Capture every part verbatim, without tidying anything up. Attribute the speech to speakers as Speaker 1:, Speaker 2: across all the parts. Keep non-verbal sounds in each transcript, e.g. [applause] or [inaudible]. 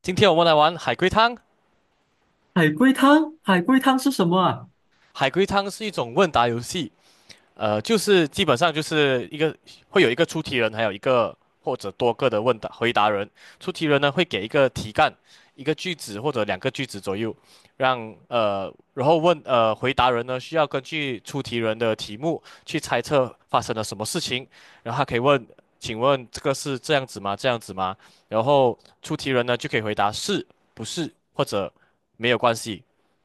Speaker 1: 今天我们来玩海龟汤。
Speaker 2: 海龟汤，海龟汤是什么啊？
Speaker 1: 海龟汤是一种问答游戏，呃，就是基本上就是一个会有一个出题人，还有一个或者多个的问答回答人。出题人呢会给一个题干，一个句子或者两个句子左右，让呃，然后问呃回答人呢需要根据出题人的题目去猜测发生了什么事情，然后他可以问，请问这个是这样子吗？这样子吗？然后出题人呢就可以回答是不是或者没有关系，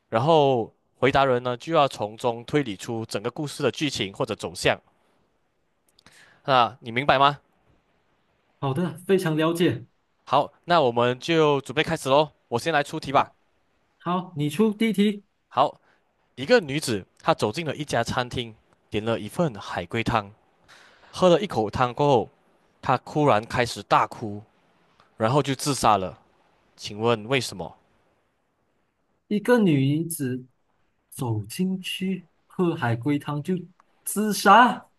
Speaker 1: 然后。回答人呢就要从中推理出整个故事的剧情或者走向。那你明白吗？
Speaker 2: 好的，非常了解。
Speaker 1: 好，那我们就准备开始喽。我先来出题吧。
Speaker 2: 好，你出第一题。
Speaker 1: 好，一个女子她走进了一家餐厅，点了一份海龟汤，喝了一口汤过后，她突然开始大哭，然后就自杀了。请问为什么？
Speaker 2: 一个女子走进去喝海龟汤就自杀，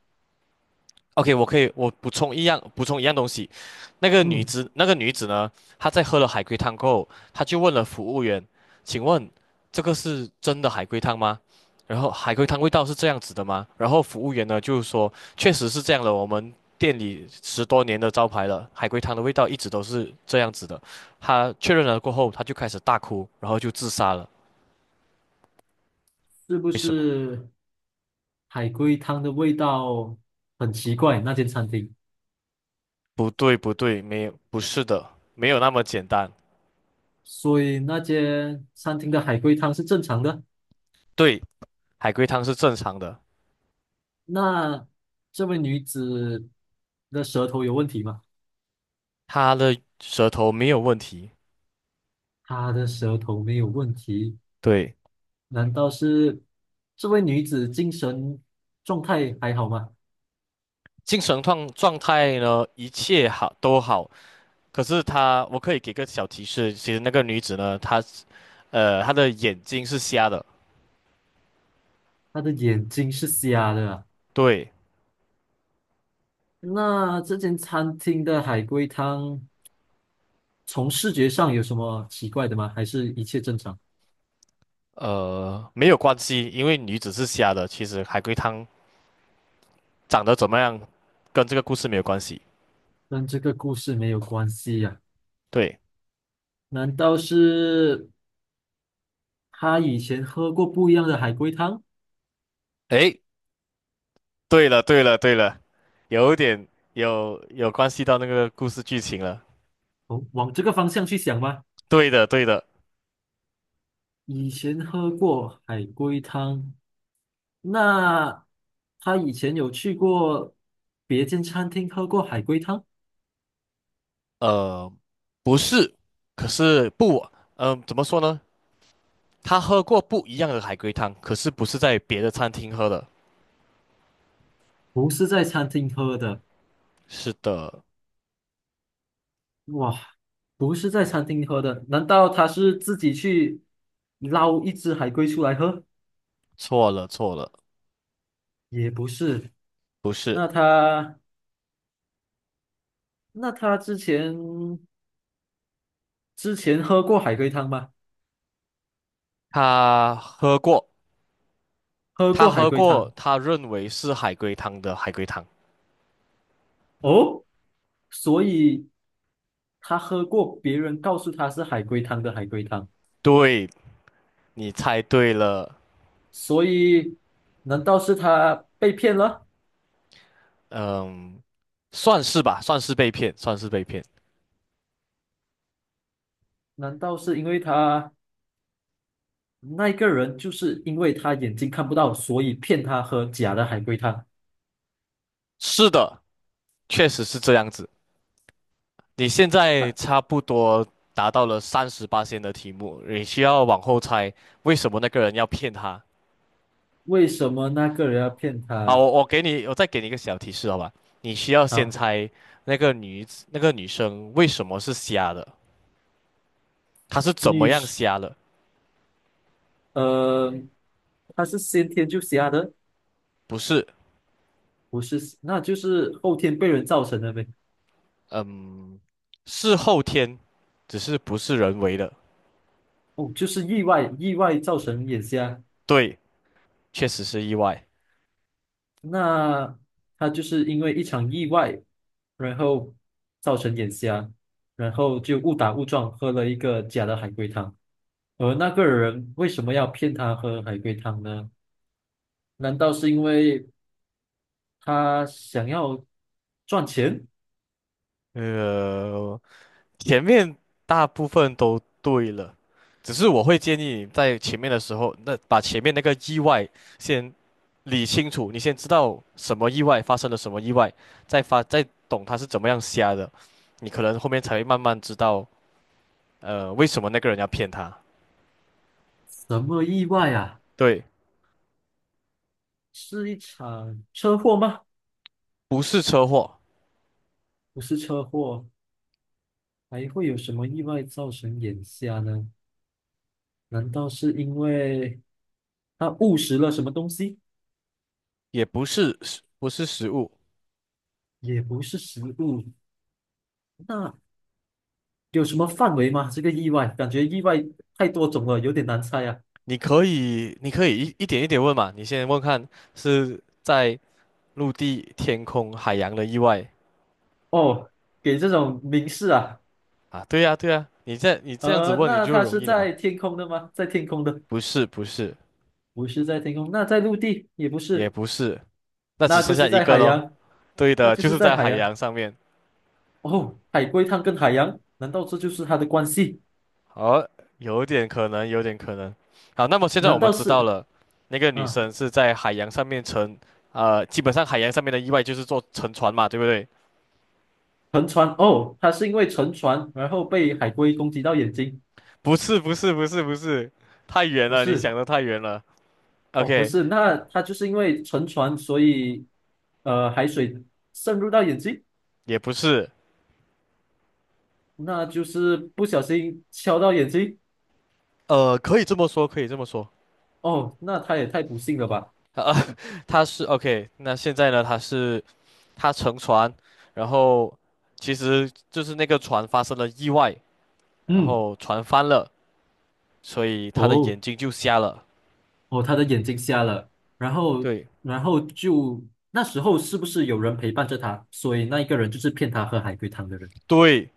Speaker 1: OK，我可以，我补充一样，补充一样东西。那个女
Speaker 2: 嗯，
Speaker 1: 子，那个女子呢，她在喝了海龟汤过后，她就问了服务员："请问这个是真的海龟汤吗？然后海龟汤味道是这样子的吗？"然后服务员呢就是说："确实是这样的，我们店里十多年的招牌了，海龟汤的味道一直都是这样子的。"她确认了过后，她就开始大哭，然后就自杀了。
Speaker 2: 是不
Speaker 1: 为什么？
Speaker 2: 是海龟汤的味道很奇怪？那间餐厅，
Speaker 1: 不对，不对，没有，不是的，没有那么简单。
Speaker 2: 所以那间餐厅的海龟汤是正常的。
Speaker 1: 对，海龟汤是正常的。
Speaker 2: 那这位女子的舌头有问题吗？
Speaker 1: 他的舌头没有问题，
Speaker 2: 她的舌头没有问题，
Speaker 1: 对，
Speaker 2: 难道是这位女子精神状态还好吗？
Speaker 1: 精神状状态呢，一切好都好。可是他，我可以给个小提示，其实那个女子呢，她呃，她的眼睛是瞎的，
Speaker 2: 她的眼睛是瞎的啊。
Speaker 1: 对，
Speaker 2: 那这间餐厅的海龟汤从视觉上有什么奇怪的吗？还是一切正常？
Speaker 1: 呃，没有关系，因为女子是瞎的，其实海龟汤长得怎么样，跟这个故事没有关系。
Speaker 2: 跟这个故事没有关系呀、
Speaker 1: 对，
Speaker 2: 难道是她以前喝过不一样的海龟汤？
Speaker 1: 诶，对了，对了，对了，有点有有关系到那个故事剧情了。
Speaker 2: 哦，往这个方向去想吗？
Speaker 1: 对的，对的。
Speaker 2: 以前喝过海龟汤，那她以前有去过别间餐厅喝过海龟汤？
Speaker 1: 呃，不是，可是不，嗯、怎么说呢？他喝过不一样的海龟汤，可是不是在别的餐厅喝的。
Speaker 2: 不是在餐厅喝的，
Speaker 1: 是的，
Speaker 2: 哇，不是在餐厅喝的，难道他是自己去捞一只海龟出来喝？
Speaker 1: 错了，错了，
Speaker 2: 也不是，
Speaker 1: 不是，
Speaker 2: 那他那他之前之前喝过海龟汤吗？
Speaker 1: 他喝过，
Speaker 2: 喝
Speaker 1: 他
Speaker 2: 过海
Speaker 1: 喝
Speaker 2: 龟
Speaker 1: 过，
Speaker 2: 汤
Speaker 1: 他认为是海龟汤的海龟汤。
Speaker 2: 哦，所以他喝过别人告诉他是海龟汤的海龟汤，
Speaker 1: 对，你猜对了，
Speaker 2: 所以难道是他被骗了？
Speaker 1: 嗯，算是吧，算是被骗，算是被骗。
Speaker 2: 难道是因为他？那一个人就是因为他眼睛看不到，所以骗他喝假的海龟汤。
Speaker 1: 是的，确实是这样子。你现在差不多达到了三十八线的题目，你需要往后猜为什么那个人要骗他。
Speaker 2: 为什么那个人要骗
Speaker 1: 好，
Speaker 2: 他？
Speaker 1: 我我给你，我再给你一个小提示，好吧？你需要先
Speaker 2: 好，
Speaker 1: 猜那个女子那个女生为什么是瞎的，她是怎么
Speaker 2: 女
Speaker 1: 样
Speaker 2: 士，
Speaker 1: 瞎的？
Speaker 2: 呃，他是先天就瞎的，
Speaker 1: 不是，
Speaker 2: 不是，那就是后天被人造成的呗。
Speaker 1: 嗯，是后天，只是不是人为的。
Speaker 2: 哦，就是意外，意外造成眼瞎。
Speaker 1: 对，确实是意外。
Speaker 2: 那他就是因为一场意外，然后造成眼瞎，然后就误打误撞喝了一个假的海龟汤。而那个人为什么要骗他喝海龟汤呢？难道是因为他想要赚钱？
Speaker 1: 呃，前面大部分都对了，只是我会建议你在前面的时候，那把前面那个意外先理清楚，你先知道什么意外发生了什么意外，再发再懂他是怎么样瞎的，你可能后面才会慢慢知道，呃，为什么那个人要骗他。
Speaker 2: 什么意外啊？
Speaker 1: 对，
Speaker 2: 是一场车祸吗？
Speaker 1: 不是车祸，
Speaker 2: 不是车祸，还会有什么意外造成眼瞎呢？难道是因为他误食了什么东西？
Speaker 1: 也不是食不是食物，
Speaker 2: 也不是食物，那有什么范围吗？这个意外，感觉意外太多种了，有点难猜啊。
Speaker 1: 你可以你可以一一点一点问嘛，你先问看是在陆地、天空、海洋的意外，
Speaker 2: 哦，给这种明示啊，
Speaker 1: 啊，对呀，对呀，你这你这样子
Speaker 2: 呃，
Speaker 1: 问你
Speaker 2: 那
Speaker 1: 就
Speaker 2: 他
Speaker 1: 容
Speaker 2: 是
Speaker 1: 易了嘛？
Speaker 2: 在天空的吗？在天空的。
Speaker 1: 不是，不是，
Speaker 2: 不是在天空，那在陆地也不
Speaker 1: 也
Speaker 2: 是，
Speaker 1: 不是，那只
Speaker 2: 那就
Speaker 1: 剩下
Speaker 2: 是
Speaker 1: 一
Speaker 2: 在
Speaker 1: 个
Speaker 2: 海
Speaker 1: 咯。
Speaker 2: 洋，
Speaker 1: 对
Speaker 2: 那
Speaker 1: 的，
Speaker 2: 就
Speaker 1: 就
Speaker 2: 是
Speaker 1: 是
Speaker 2: 在
Speaker 1: 在
Speaker 2: 海
Speaker 1: 海
Speaker 2: 洋。
Speaker 1: 洋上面。
Speaker 2: 哦，海龟汤跟海洋，难道这就是它的关系？
Speaker 1: 好，有点可能，有点可能。好，那么现在我
Speaker 2: 难
Speaker 1: 们
Speaker 2: 道
Speaker 1: 知道
Speaker 2: 是
Speaker 1: 了，那个女
Speaker 2: 啊，
Speaker 1: 生是在海洋上面乘，呃，基本上海洋上面的意外就是坐沉船嘛，对不对？
Speaker 2: 沉船？哦，它是因为沉船，然后被海龟攻击到眼睛？
Speaker 1: 不是，不是，不是，不是，太远
Speaker 2: 不
Speaker 1: 了，你
Speaker 2: 是，
Speaker 1: 想的太远了。
Speaker 2: 哦，不
Speaker 1: OK，
Speaker 2: 是，那它就是因为沉船，所以呃，海水渗入到眼睛，
Speaker 1: 也不是，
Speaker 2: 那就是不小心敲到眼睛。
Speaker 1: 呃，可以这么说，可以这么说。
Speaker 2: 哦，那它也太不幸了吧？
Speaker 1: 啊，[laughs] 他是 OK，那现在呢？他是他乘船，然后其实就是那个船发生了意外，然
Speaker 2: 嗯，
Speaker 1: 后船翻了，所以他的
Speaker 2: 哦。
Speaker 1: 眼睛就瞎了。
Speaker 2: 哦，他的眼睛瞎了，然后，
Speaker 1: 对，
Speaker 2: 然后就那时候是不是有人陪伴着他？所以那一个人就是骗他喝海龟汤的人。
Speaker 1: 对，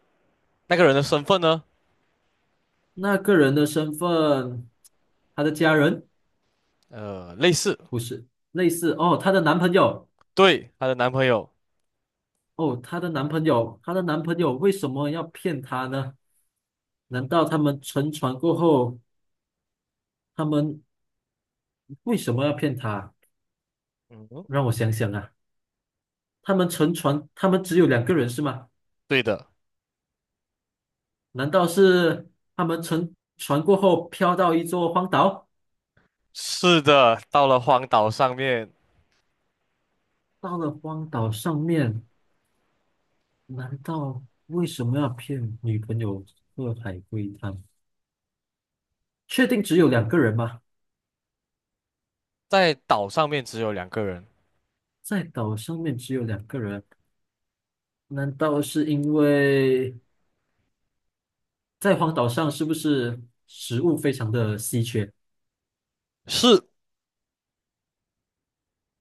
Speaker 1: 那个人的身份呢？
Speaker 2: 那个人的身份，他的家人
Speaker 1: 呃，类似，
Speaker 2: 不是类似哦，她的男朋友
Speaker 1: 对，她的男朋友。
Speaker 2: 哦，她的男朋友，她的男朋友为什么要骗她呢？难道他们乘船过后，他们为什么要骗她？
Speaker 1: 嗯，
Speaker 2: 让我想想啊，他们乘船，他们只有两个人是吗？
Speaker 1: 对的，
Speaker 2: 难道是他们乘船过后飘到一座荒岛？
Speaker 1: 是的，到了荒岛上面，
Speaker 2: 到了荒岛上面，难道为什么要骗女朋友喝海龟汤？确定只有两个人吗？
Speaker 1: 在岛上面只有两个人。
Speaker 2: 在岛上面只有两个人，难道是因为在荒岛上是不是食物非常的稀缺，
Speaker 1: 是，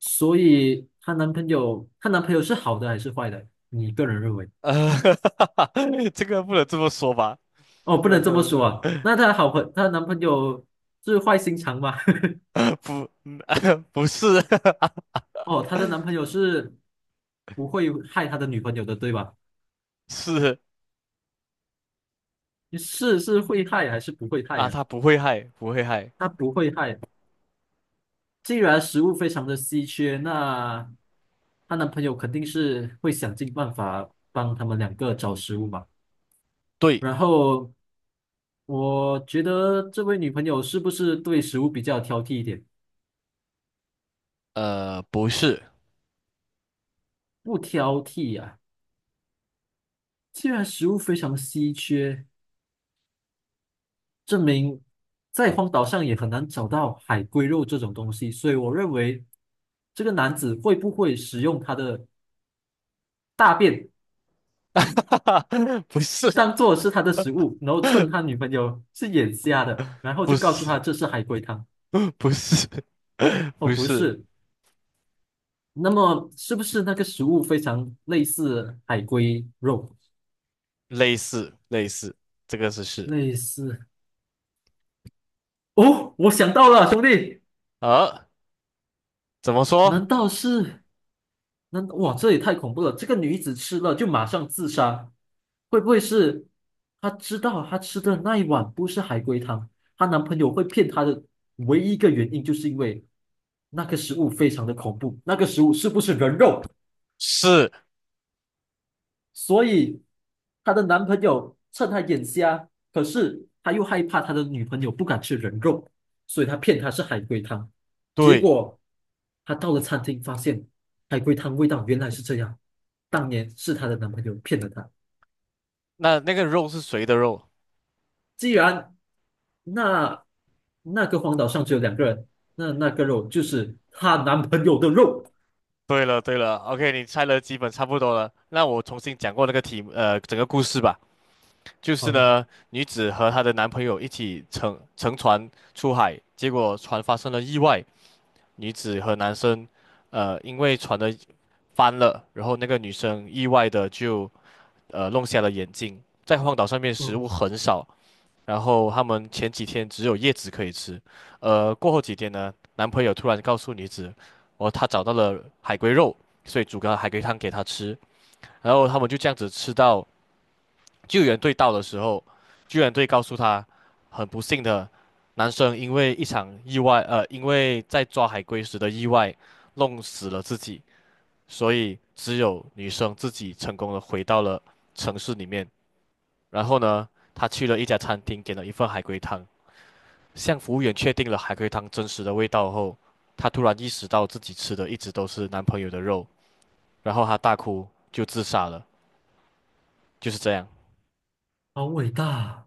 Speaker 2: 所以她男朋友，她男朋友是好的还是坏的？你个人认为？
Speaker 1: 呃，[laughs] 这个不能这么说吧？
Speaker 2: 哦，不
Speaker 1: 不能
Speaker 2: 能
Speaker 1: 这
Speaker 2: 这么
Speaker 1: 么
Speaker 2: 说
Speaker 1: 说，
Speaker 2: 啊。那她好朋，她男朋友是坏心肠吗？[laughs]
Speaker 1: [laughs] 不，[laughs] 不是，
Speaker 2: 哦，她的男朋友是不会害她的女朋友的，对吧？
Speaker 1: [laughs] 是
Speaker 2: 是是会害还是不会害
Speaker 1: 啊，
Speaker 2: 呀、
Speaker 1: 他不会害，不会害。
Speaker 2: 他不会害。既然食物非常的稀缺，那她男朋友肯定是会想尽办法帮他们两个找食物嘛。
Speaker 1: 对。
Speaker 2: 然后我觉得这位女朋友是不是对食物比较挑剔一点？
Speaker 1: 呃，不是，
Speaker 2: 不挑剔呀、既然食物非常稀缺，证明在荒岛上也很难找到海龟肉这种东西，所以我认为这个男子会不会使用他的大便
Speaker 1: [laughs] 不是，
Speaker 2: 当做是他的食物，然后趁他
Speaker 1: [laughs]
Speaker 2: 女朋友是眼瞎的，然后
Speaker 1: 不
Speaker 2: 就告诉
Speaker 1: 是，
Speaker 2: 他这是海龟汤，
Speaker 1: [laughs] 不是，[laughs]
Speaker 2: 哦
Speaker 1: 不
Speaker 2: 不
Speaker 1: 是，
Speaker 2: 是，那么是不是那个食物非常类似海龟肉，
Speaker 1: 类似类似，这个是是，
Speaker 2: 类似？哦，我想到了，兄弟，
Speaker 1: 呃，怎么说？
Speaker 2: 难道是？那哇，这也太恐怖了！这个女子吃了就马上自杀，会不会是她知道她吃的那一碗不是海龟汤，她男朋友会骗她的唯一一个原因就是因为那个食物非常的恐怖，那个食物是不是人肉？
Speaker 1: 是，
Speaker 2: 所以她的男朋友趁她眼瞎，可是他又害怕他的女朋友不敢吃人肉，所以他骗她是海龟汤。结
Speaker 1: 对，
Speaker 2: 果她到了餐厅，发现海龟汤味道原来是这样，当年是她的男朋友骗了她。
Speaker 1: 那那个肉是谁的肉？
Speaker 2: 既然那那个荒岛上只有两个人，那那个肉就是她男朋友的肉。
Speaker 1: 对了对了，OK，你猜的基本差不多了。那我重新讲过那个题目，呃，整个故事吧。就是
Speaker 2: 好的，
Speaker 1: 呢，女子和她的男朋友一起乘乘船出海，结果船发生了意外，女子和男生，呃，因为船的翻了，然后那个女生意外的就呃弄瞎了眼睛。在荒岛上面食
Speaker 2: 哦，
Speaker 1: 物很少，然后他们前几天只有叶子可以吃，呃，过后几天呢，男朋友突然告诉女子，哦，他找到了海龟肉，所以煮个海龟汤给她吃，然后他们就这样子吃到救援队到的时候，救援队告诉他，很不幸的，男生因为一场意外，呃，因为在抓海龟时的意外，弄死了自己。所以只有女生自己成功的回到了城市里面。然后呢，她去了一家餐厅，点了一份海龟汤。向服务员确定了海龟汤真实的味道后，她突然意识到自己吃的一直都是男朋友的肉，然后她大哭，就自杀了。就是这样。
Speaker 2: 好伟大啊